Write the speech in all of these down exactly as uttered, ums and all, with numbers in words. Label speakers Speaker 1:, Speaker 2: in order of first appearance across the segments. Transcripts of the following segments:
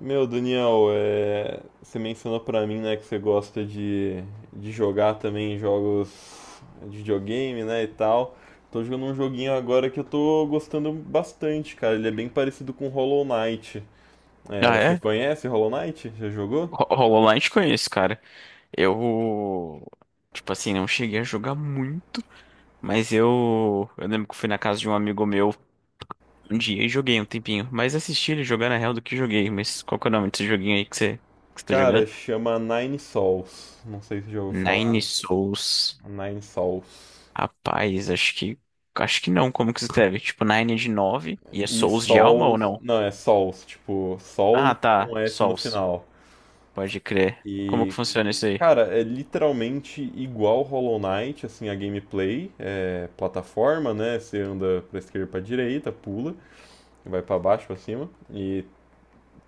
Speaker 1: Meu, Daniel, é, você mencionou pra mim, né, que você gosta de, de jogar também jogos de videogame, né, e tal. Tô jogando um joguinho agora que eu tô gostando bastante, cara. Ele é bem parecido com Hollow Knight.
Speaker 2: Ah,
Speaker 1: É, você
Speaker 2: é?
Speaker 1: conhece Hollow Knight? Já jogou?
Speaker 2: Ho- HoloLens conheço, cara. Eu, tipo assim, não cheguei a jogar muito, mas eu, eu lembro que eu fui na casa de um amigo meu um dia e joguei um tempinho. Mais assisti ele jogar na real do que joguei. Mas qual que é o nome desse joguinho aí que você, que você tá jogando?
Speaker 1: Cara, chama Nine Sols. Não sei se já ouviu falar.
Speaker 2: Nine Souls.
Speaker 1: Nine Sols.
Speaker 2: Rapaz, acho que, acho que não. Como que se escreve? Tipo, Nine de nove e é
Speaker 1: E
Speaker 2: Souls de alma ou
Speaker 1: Sols.
Speaker 2: não?
Speaker 1: Não, é Sols, tipo,
Speaker 2: Ah,
Speaker 1: Sol com
Speaker 2: tá.
Speaker 1: S no
Speaker 2: Souls.
Speaker 1: final.
Speaker 2: Pode crer. Como que
Speaker 1: E,
Speaker 2: funciona isso aí?
Speaker 1: Cara, é literalmente igual Hollow Knight, assim, a gameplay, é plataforma, né? Você anda pra esquerda, e pra direita, pula, vai pra baixo, pra cima, e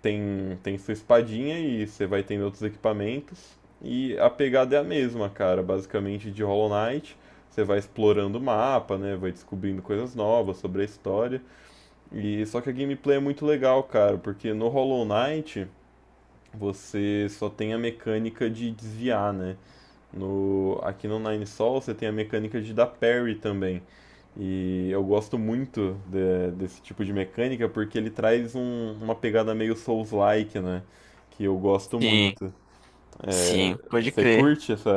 Speaker 1: tem tem sua espadinha e você vai tendo outros equipamentos. E a pegada é a mesma, cara, basicamente de Hollow Knight. Você vai explorando o mapa, né? Vai descobrindo coisas novas sobre a história. E só que a gameplay é muito legal, cara, porque no Hollow Knight você só tem a mecânica de desviar, né? No, Aqui no Nine Sol você tem a mecânica de dar parry também. E eu gosto muito de- desse tipo de mecânica porque ele traz um- uma pegada meio Souls-like, né? Que eu gosto
Speaker 2: Sim,
Speaker 1: muito. É,
Speaker 2: sim, pode
Speaker 1: Você
Speaker 2: crer.
Speaker 1: curte essa,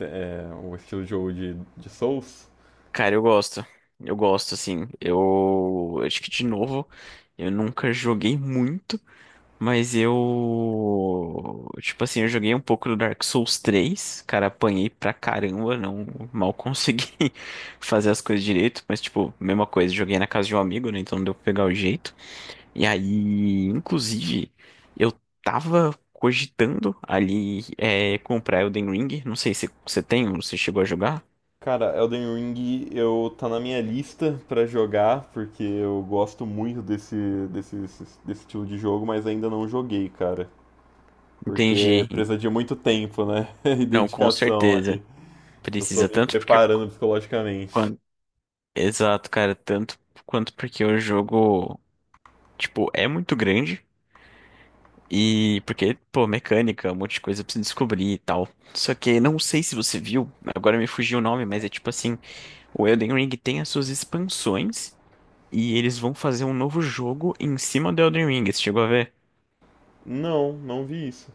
Speaker 1: é, o estilo de jogo de, de Souls?
Speaker 2: Cara, eu gosto. Eu gosto, assim. Eu acho que, de novo, eu nunca joguei muito, mas eu. Tipo assim, eu joguei um pouco do Dark Souls três. Cara, apanhei pra caramba, não mal consegui fazer as coisas direito, mas, tipo, mesma coisa, joguei na casa de um amigo, né? Então não deu pra pegar o jeito. E aí, inclusive, eu tava cogitando ali, é, comprar Elden Ring. Não sei se você tem ou você chegou a jogar.
Speaker 1: Cara, Elden Ring eu tá na minha lista pra jogar porque eu gosto muito desse, desse, desse desse estilo de jogo, mas ainda não joguei, cara. Porque
Speaker 2: Entendi.
Speaker 1: precisa de muito tempo, né? E
Speaker 2: Não, com
Speaker 1: dedicação
Speaker 2: certeza.
Speaker 1: ali. Eu tô
Speaker 2: Precisa
Speaker 1: me
Speaker 2: tanto porque.
Speaker 1: preparando psicologicamente.
Speaker 2: quan- Exato, cara. Tanto quanto porque o jogo, tipo, é muito grande. E porque, pô, mecânica, um monte de coisa pra você descobrir e tal. Só que não sei se você viu, agora me fugiu o nome, mas é tipo assim: o Elden Ring tem as suas expansões. E eles vão fazer um novo jogo em cima do Elden Ring. Você chegou a ver?
Speaker 1: Não, não vi isso.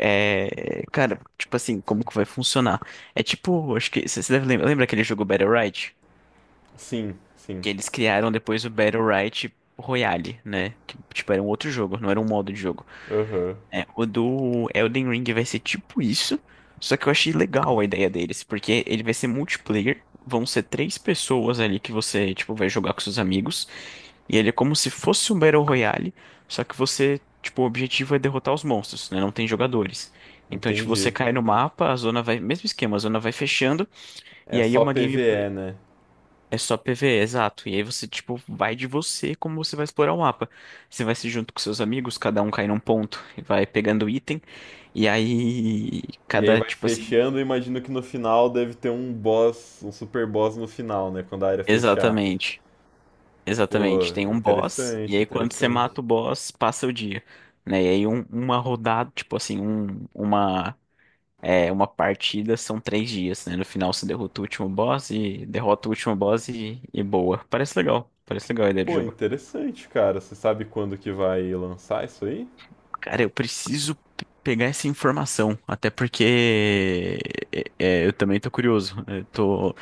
Speaker 2: É. Cara, tipo assim, como que vai funcionar? É tipo, acho que. Você você deve lembrar, lembra aquele jogo Battle Rite?
Speaker 1: Sim, sim.
Speaker 2: Que eles criaram depois o Battle Right Royale, né? Que, tipo, era um outro jogo, não era um modo de jogo.
Speaker 1: Aham.
Speaker 2: É, o do Elden Ring vai ser tipo isso, só que eu achei legal a ideia deles, porque ele vai ser multiplayer, vão ser três pessoas ali que você, tipo, vai jogar com seus amigos, e ele é como se fosse um Battle Royale, só que você, tipo, o objetivo é derrotar os monstros, né? Não tem jogadores. Então, tipo, você
Speaker 1: Entendi.
Speaker 2: cai no mapa, a zona vai. Mesmo esquema, a zona vai fechando, e
Speaker 1: É
Speaker 2: aí
Speaker 1: só
Speaker 2: uma
Speaker 1: PvE, né?
Speaker 2: é só PvE, exato. E aí você, tipo, vai de você como você vai explorar o mapa. Você vai se junto com seus amigos, cada um cai num ponto e vai pegando item. E aí,
Speaker 1: E aí
Speaker 2: cada,
Speaker 1: vai
Speaker 2: tipo assim.
Speaker 1: fechando, eu imagino que no final deve ter um boss, um super boss no final, né? Quando a área fechar.
Speaker 2: Exatamente.
Speaker 1: Pô,
Speaker 2: Exatamente. Tem um boss, e
Speaker 1: interessante,
Speaker 2: aí quando você mata
Speaker 1: interessante.
Speaker 2: o boss, passa o dia. Né? E aí, um- uma rodada, tipo assim, um, uma, é, uma partida são três dias, né? No final você derrota o último boss e derrota o último boss e, e boa. Parece legal. Parece legal a ideia de
Speaker 1: Pô,
Speaker 2: jogo.
Speaker 1: interessante, cara. Você sabe quando que vai lançar isso aí?
Speaker 2: Cara, eu preciso pe- pegar essa informação, até porque é, é, eu também tô curioso. Eu tô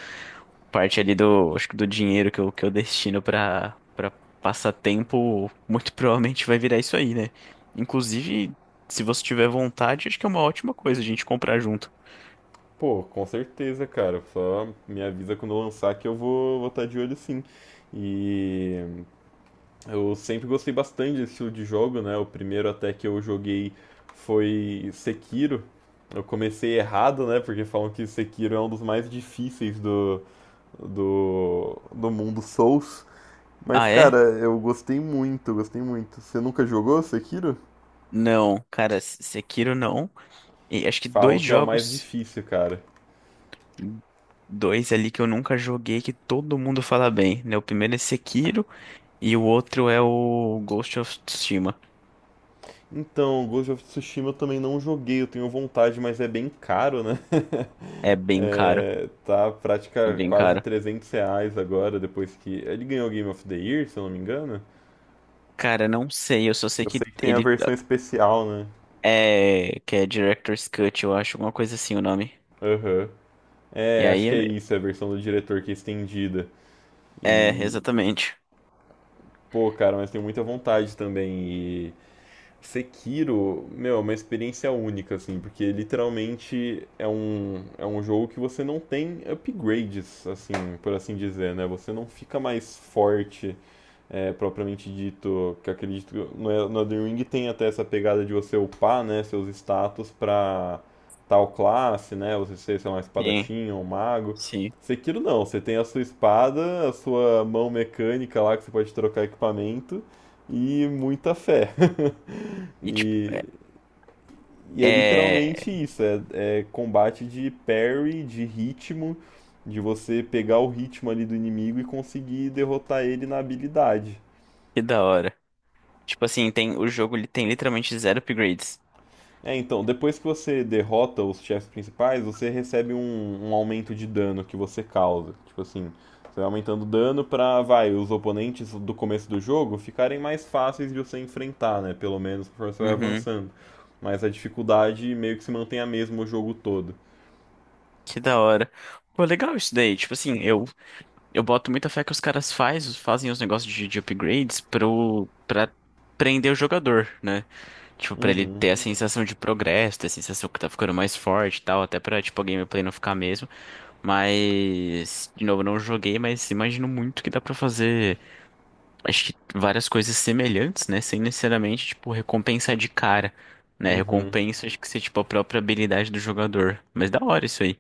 Speaker 2: parte ali do, acho que do dinheiro que eu, que eu destino pra para passatempo, muito provavelmente vai virar isso aí, né? Inclusive, se você tiver vontade, acho que é uma ótima coisa a gente comprar junto.
Speaker 1: Pô, com certeza, cara. Só me avisa quando eu lançar que eu vou vou estar de olho sim. E eu sempre gostei bastante desse estilo de jogo, né? O primeiro até que eu joguei foi Sekiro. Eu comecei errado, né? Porque falam que Sekiro é um dos mais difíceis do, do, do mundo Souls. Mas,
Speaker 2: Ah,
Speaker 1: cara,
Speaker 2: é?
Speaker 1: eu gostei muito, gostei muito. Você nunca jogou Sekiro?
Speaker 2: Não, cara, S- Sekiro não. E acho que
Speaker 1: Falam
Speaker 2: dois
Speaker 1: que é o mais
Speaker 2: jogos,
Speaker 1: difícil, cara.
Speaker 2: dois ali que eu nunca joguei que todo mundo fala bem, né? O primeiro é Sekiro. E o outro é o Ghost of Tsushima.
Speaker 1: Então, Ghost of Tsushima eu também não joguei, eu tenho vontade, mas é bem caro, né?
Speaker 2: É bem caro.
Speaker 1: É, tá
Speaker 2: É
Speaker 1: prática
Speaker 2: bem
Speaker 1: quase
Speaker 2: caro.
Speaker 1: trezentos reais agora, depois que. Ele ganhou o Game of the Year, se eu não me engano.
Speaker 2: Cara, não sei, eu só sei
Speaker 1: Eu
Speaker 2: que
Speaker 1: sei que tem a
Speaker 2: ele
Speaker 1: versão especial, né?
Speaker 2: é que é Director's Cut, eu acho, alguma coisa assim o nome.
Speaker 1: Aham.
Speaker 2: E
Speaker 1: É, acho
Speaker 2: aí
Speaker 1: que é isso, é a versão do diretor que é estendida.
Speaker 2: é
Speaker 1: E,
Speaker 2: exatamente.
Speaker 1: Pô, cara, mas tenho muita vontade também. Sekiro, meu, é uma experiência única, assim, porque literalmente é um, é um jogo que você não tem upgrades, assim, por assim dizer, né? Você não fica mais forte é, propriamente dito, que acredito que no, no Elden Ring tem até essa pegada de você upar, né, seus status pra tal classe, né, você ser, sei lá, um
Speaker 2: Sim,
Speaker 1: espadachim ou um mago.
Speaker 2: sim.
Speaker 1: Sekiro não, você tem a sua espada, a sua mão mecânica lá que você pode trocar equipamento e muita fé.
Speaker 2: E tipo,
Speaker 1: e,
Speaker 2: é,
Speaker 1: e é
Speaker 2: é
Speaker 1: literalmente isso, é, é combate de parry, de ritmo, de você pegar o ritmo ali do inimigo e conseguir derrotar ele na habilidade.
Speaker 2: que da hora. Tipo assim, tem o jogo, ele tem literalmente zero upgrades.
Speaker 1: É, então, depois que você derrota os chefes principais, você recebe um, um aumento de dano que você causa. Tipo assim, você vai aumentando o dano pra, vai, os oponentes do começo do jogo ficarem mais fáceis de você enfrentar, né? Pelo menos conforme você vai
Speaker 2: Uhum.
Speaker 1: avançando. Mas a dificuldade meio que se mantém a mesma o jogo todo.
Speaker 2: Que da hora. Pô, legal isso daí. Tipo assim, eu eu boto muita fé que os caras faz, fazem os negócios de, de, upgrades pro para prender o jogador, né? Tipo, pra ele
Speaker 1: Uhum,
Speaker 2: ter a sensação de progresso, ter a sensação que tá ficando mais forte e tal, até pra, tipo, a gameplay não ficar mesmo. Mas, de novo, não joguei, mas imagino muito que dá pra fazer, acho que várias coisas semelhantes, né? Sem necessariamente, tipo, recompensa de cara, né?
Speaker 1: uhum.
Speaker 2: Recompensa, acho que ser, tipo, a própria habilidade do jogador. Mas da hora isso aí.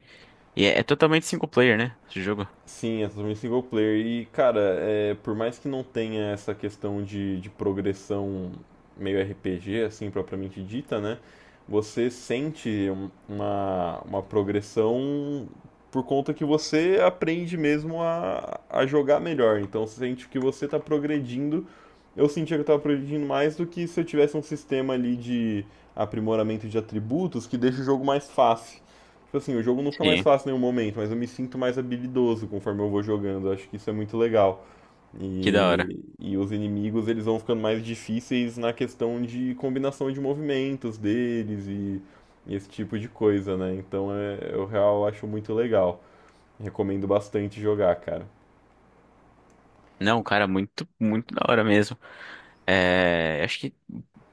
Speaker 2: E é, é totalmente single player, né? Esse jogo.
Speaker 1: Sim, é totalmente single player. E, cara, é, por mais que não tenha essa questão de, de progressão meio R P G, assim, propriamente dita, né? Você sente um- uma, uma progressão por conta que você aprende mesmo a, a jogar melhor. Então, você sente que você está progredindo. Eu sentia que eu estava progredindo mais do que se eu tivesse um sistema ali de aprimoramento de atributos que deixa o jogo mais fácil. Tipo assim, o jogo não fica mais
Speaker 2: Sim,
Speaker 1: fácil em nenhum momento, mas eu me sinto mais habilidoso conforme eu vou jogando. Eu acho que isso é muito legal.
Speaker 2: que da hora.
Speaker 1: E, e os inimigos, eles vão ficando mais difíceis na questão de combinação de movimentos deles e, e esse tipo de coisa, né? Então, é, eu real acho muito legal. Recomendo bastante jogar, cara.
Speaker 2: Não, cara, muito, muito da hora mesmo. É, acho que,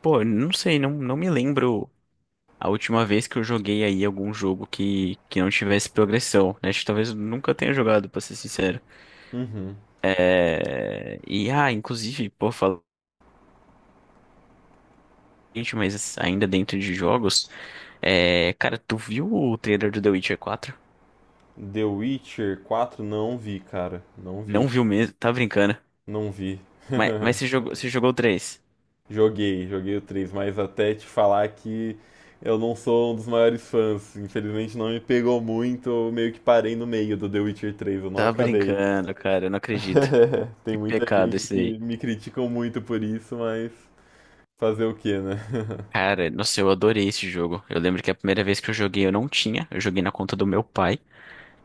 Speaker 2: pô, não sei, não, não me lembro. A última vez que eu joguei aí algum jogo que, que não tivesse progressão, né? Acho que talvez eu nunca tenha jogado, pra ser sincero.
Speaker 1: Uhum.
Speaker 2: É... E, ah, inclusive, pô, falando, gente, mas ainda dentro de jogos, é... cara, tu viu o trailer do The Witcher quatro?
Speaker 1: The Witcher quatro não vi, cara. Não vi.
Speaker 2: Não viu mesmo, tá brincando.
Speaker 1: Não vi.
Speaker 2: Mas, mas você jogou, você jogou o três?
Speaker 1: Joguei, joguei o três, mas até te falar que eu não sou um dos maiores fãs. Infelizmente não me pegou muito, eu meio que parei no meio do The Witcher três, eu não
Speaker 2: Tá
Speaker 1: acabei.
Speaker 2: brincando, cara, eu não acredito.
Speaker 1: Tem
Speaker 2: Que
Speaker 1: muita
Speaker 2: pecado
Speaker 1: gente
Speaker 2: esse
Speaker 1: que
Speaker 2: aí.
Speaker 1: me criticam muito por isso, mas fazer o quê, né?
Speaker 2: Cara, nossa, eu adorei esse jogo. Eu lembro que a primeira vez que eu joguei eu não tinha, eu joguei na conta do meu pai.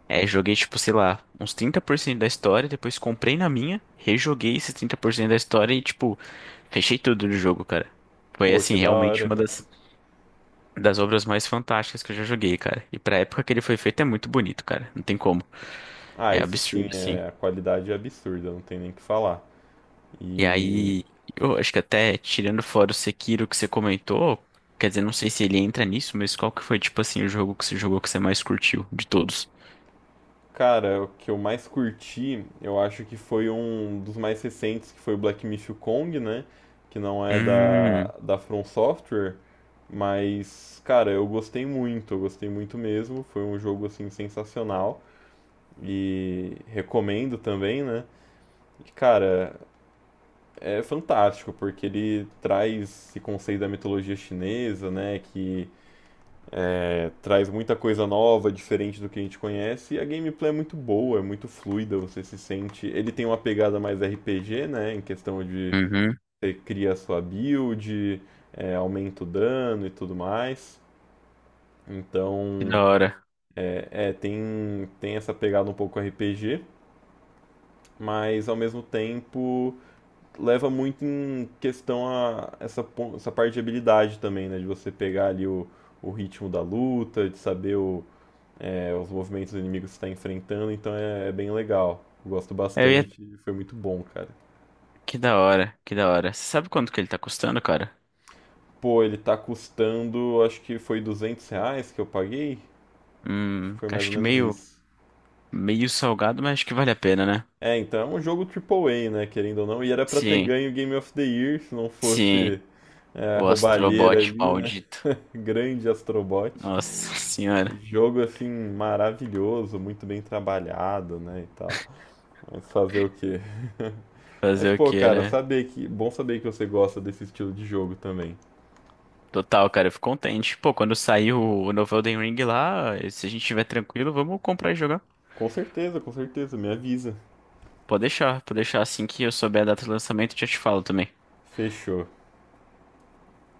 Speaker 2: É, joguei, tipo, sei lá, uns trinta por cento da história, depois comprei na minha, rejoguei esses trinta por cento da história e, tipo, fechei tudo do jogo, cara. Foi,
Speaker 1: Pô, que
Speaker 2: assim,
Speaker 1: da
Speaker 2: realmente
Speaker 1: hora.
Speaker 2: uma das, das, obras mais fantásticas que eu já joguei, cara. E pra época que ele foi feito é muito bonito, cara. Não tem como.
Speaker 1: Ah,
Speaker 2: É
Speaker 1: isso sim,
Speaker 2: absurdo, assim.
Speaker 1: é, a qualidade é absurda, não tem nem o que falar.
Speaker 2: E
Speaker 1: E
Speaker 2: aí, eu acho que até tirando fora o Sekiro que você comentou, quer dizer, não sei se ele entra nisso, mas qual que foi, tipo assim, o jogo que você jogou que você mais curtiu de todos?
Speaker 1: Cara, o que eu mais curti, eu acho que foi um dos mais recentes, que foi o Black Myth Kong, né? Que não é
Speaker 2: Hum,
Speaker 1: da, da From Software, mas, cara, eu gostei muito, eu gostei muito mesmo. Foi um jogo, assim, sensacional e recomendo também, né? E, cara, é fantástico, porque ele traz esse conceito da mitologia chinesa, né? Que traz muita coisa nova, diferente do que a gente conhece, e a gameplay é muito boa, é muito fluida, você se sente. Ele tem uma pegada mais R P G, né? Em questão de
Speaker 2: uhum,
Speaker 1: você cria a sua build, é, aumenta o dano e tudo mais.
Speaker 2: que
Speaker 1: Então,
Speaker 2: da hora.
Speaker 1: é, é, tem, tem essa pegada um pouco R P G, mas ao mesmo tempo leva muito em questão a essa, essa, parte de habilidade também, né? De você pegar ali o, o ritmo da luta, de saber o, é, os movimentos inimigos que você tá enfrentando, então é, é bem legal. Eu gosto
Speaker 2: Eu ia
Speaker 1: bastante e foi muito bom, cara.
Speaker 2: Que da hora, que da hora. Você sabe quanto que ele tá custando, cara?
Speaker 1: Pô, ele tá custando, acho que foi duzentos reais que eu paguei. Acho
Speaker 2: Hum,
Speaker 1: que foi mais
Speaker 2: acho
Speaker 1: ou
Speaker 2: que
Speaker 1: menos
Speaker 2: meio,
Speaker 1: isso.
Speaker 2: meio salgado, mas acho que vale a pena, né?
Speaker 1: É, então é um jogo triple A, né, querendo ou não. E era pra ter
Speaker 2: Sim,
Speaker 1: ganho o Game of the Year, se não
Speaker 2: sim.
Speaker 1: fosse é, a
Speaker 2: O
Speaker 1: roubalheira
Speaker 2: Astrobot
Speaker 1: ali, né?
Speaker 2: maldito.
Speaker 1: Grande Astrobot.
Speaker 2: Nossa senhora.
Speaker 1: Jogo, assim, maravilhoso, muito bem trabalhado, né, e tal. Mas fazer o quê? Mas,
Speaker 2: Fazer o
Speaker 1: pô,
Speaker 2: que,
Speaker 1: cara,
Speaker 2: né?
Speaker 1: saber que. Bom saber que você gosta desse estilo de jogo também.
Speaker 2: Total, cara, eu fico contente. Pô, quando sair o, o, novo Elden Ring lá, se a gente estiver tranquilo, vamos comprar e jogar.
Speaker 1: Com certeza, com certeza, me avisa.
Speaker 2: Pode deixar, pode deixar. Assim que eu souber a data de lançamento, eu já te falo também.
Speaker 1: Fechou.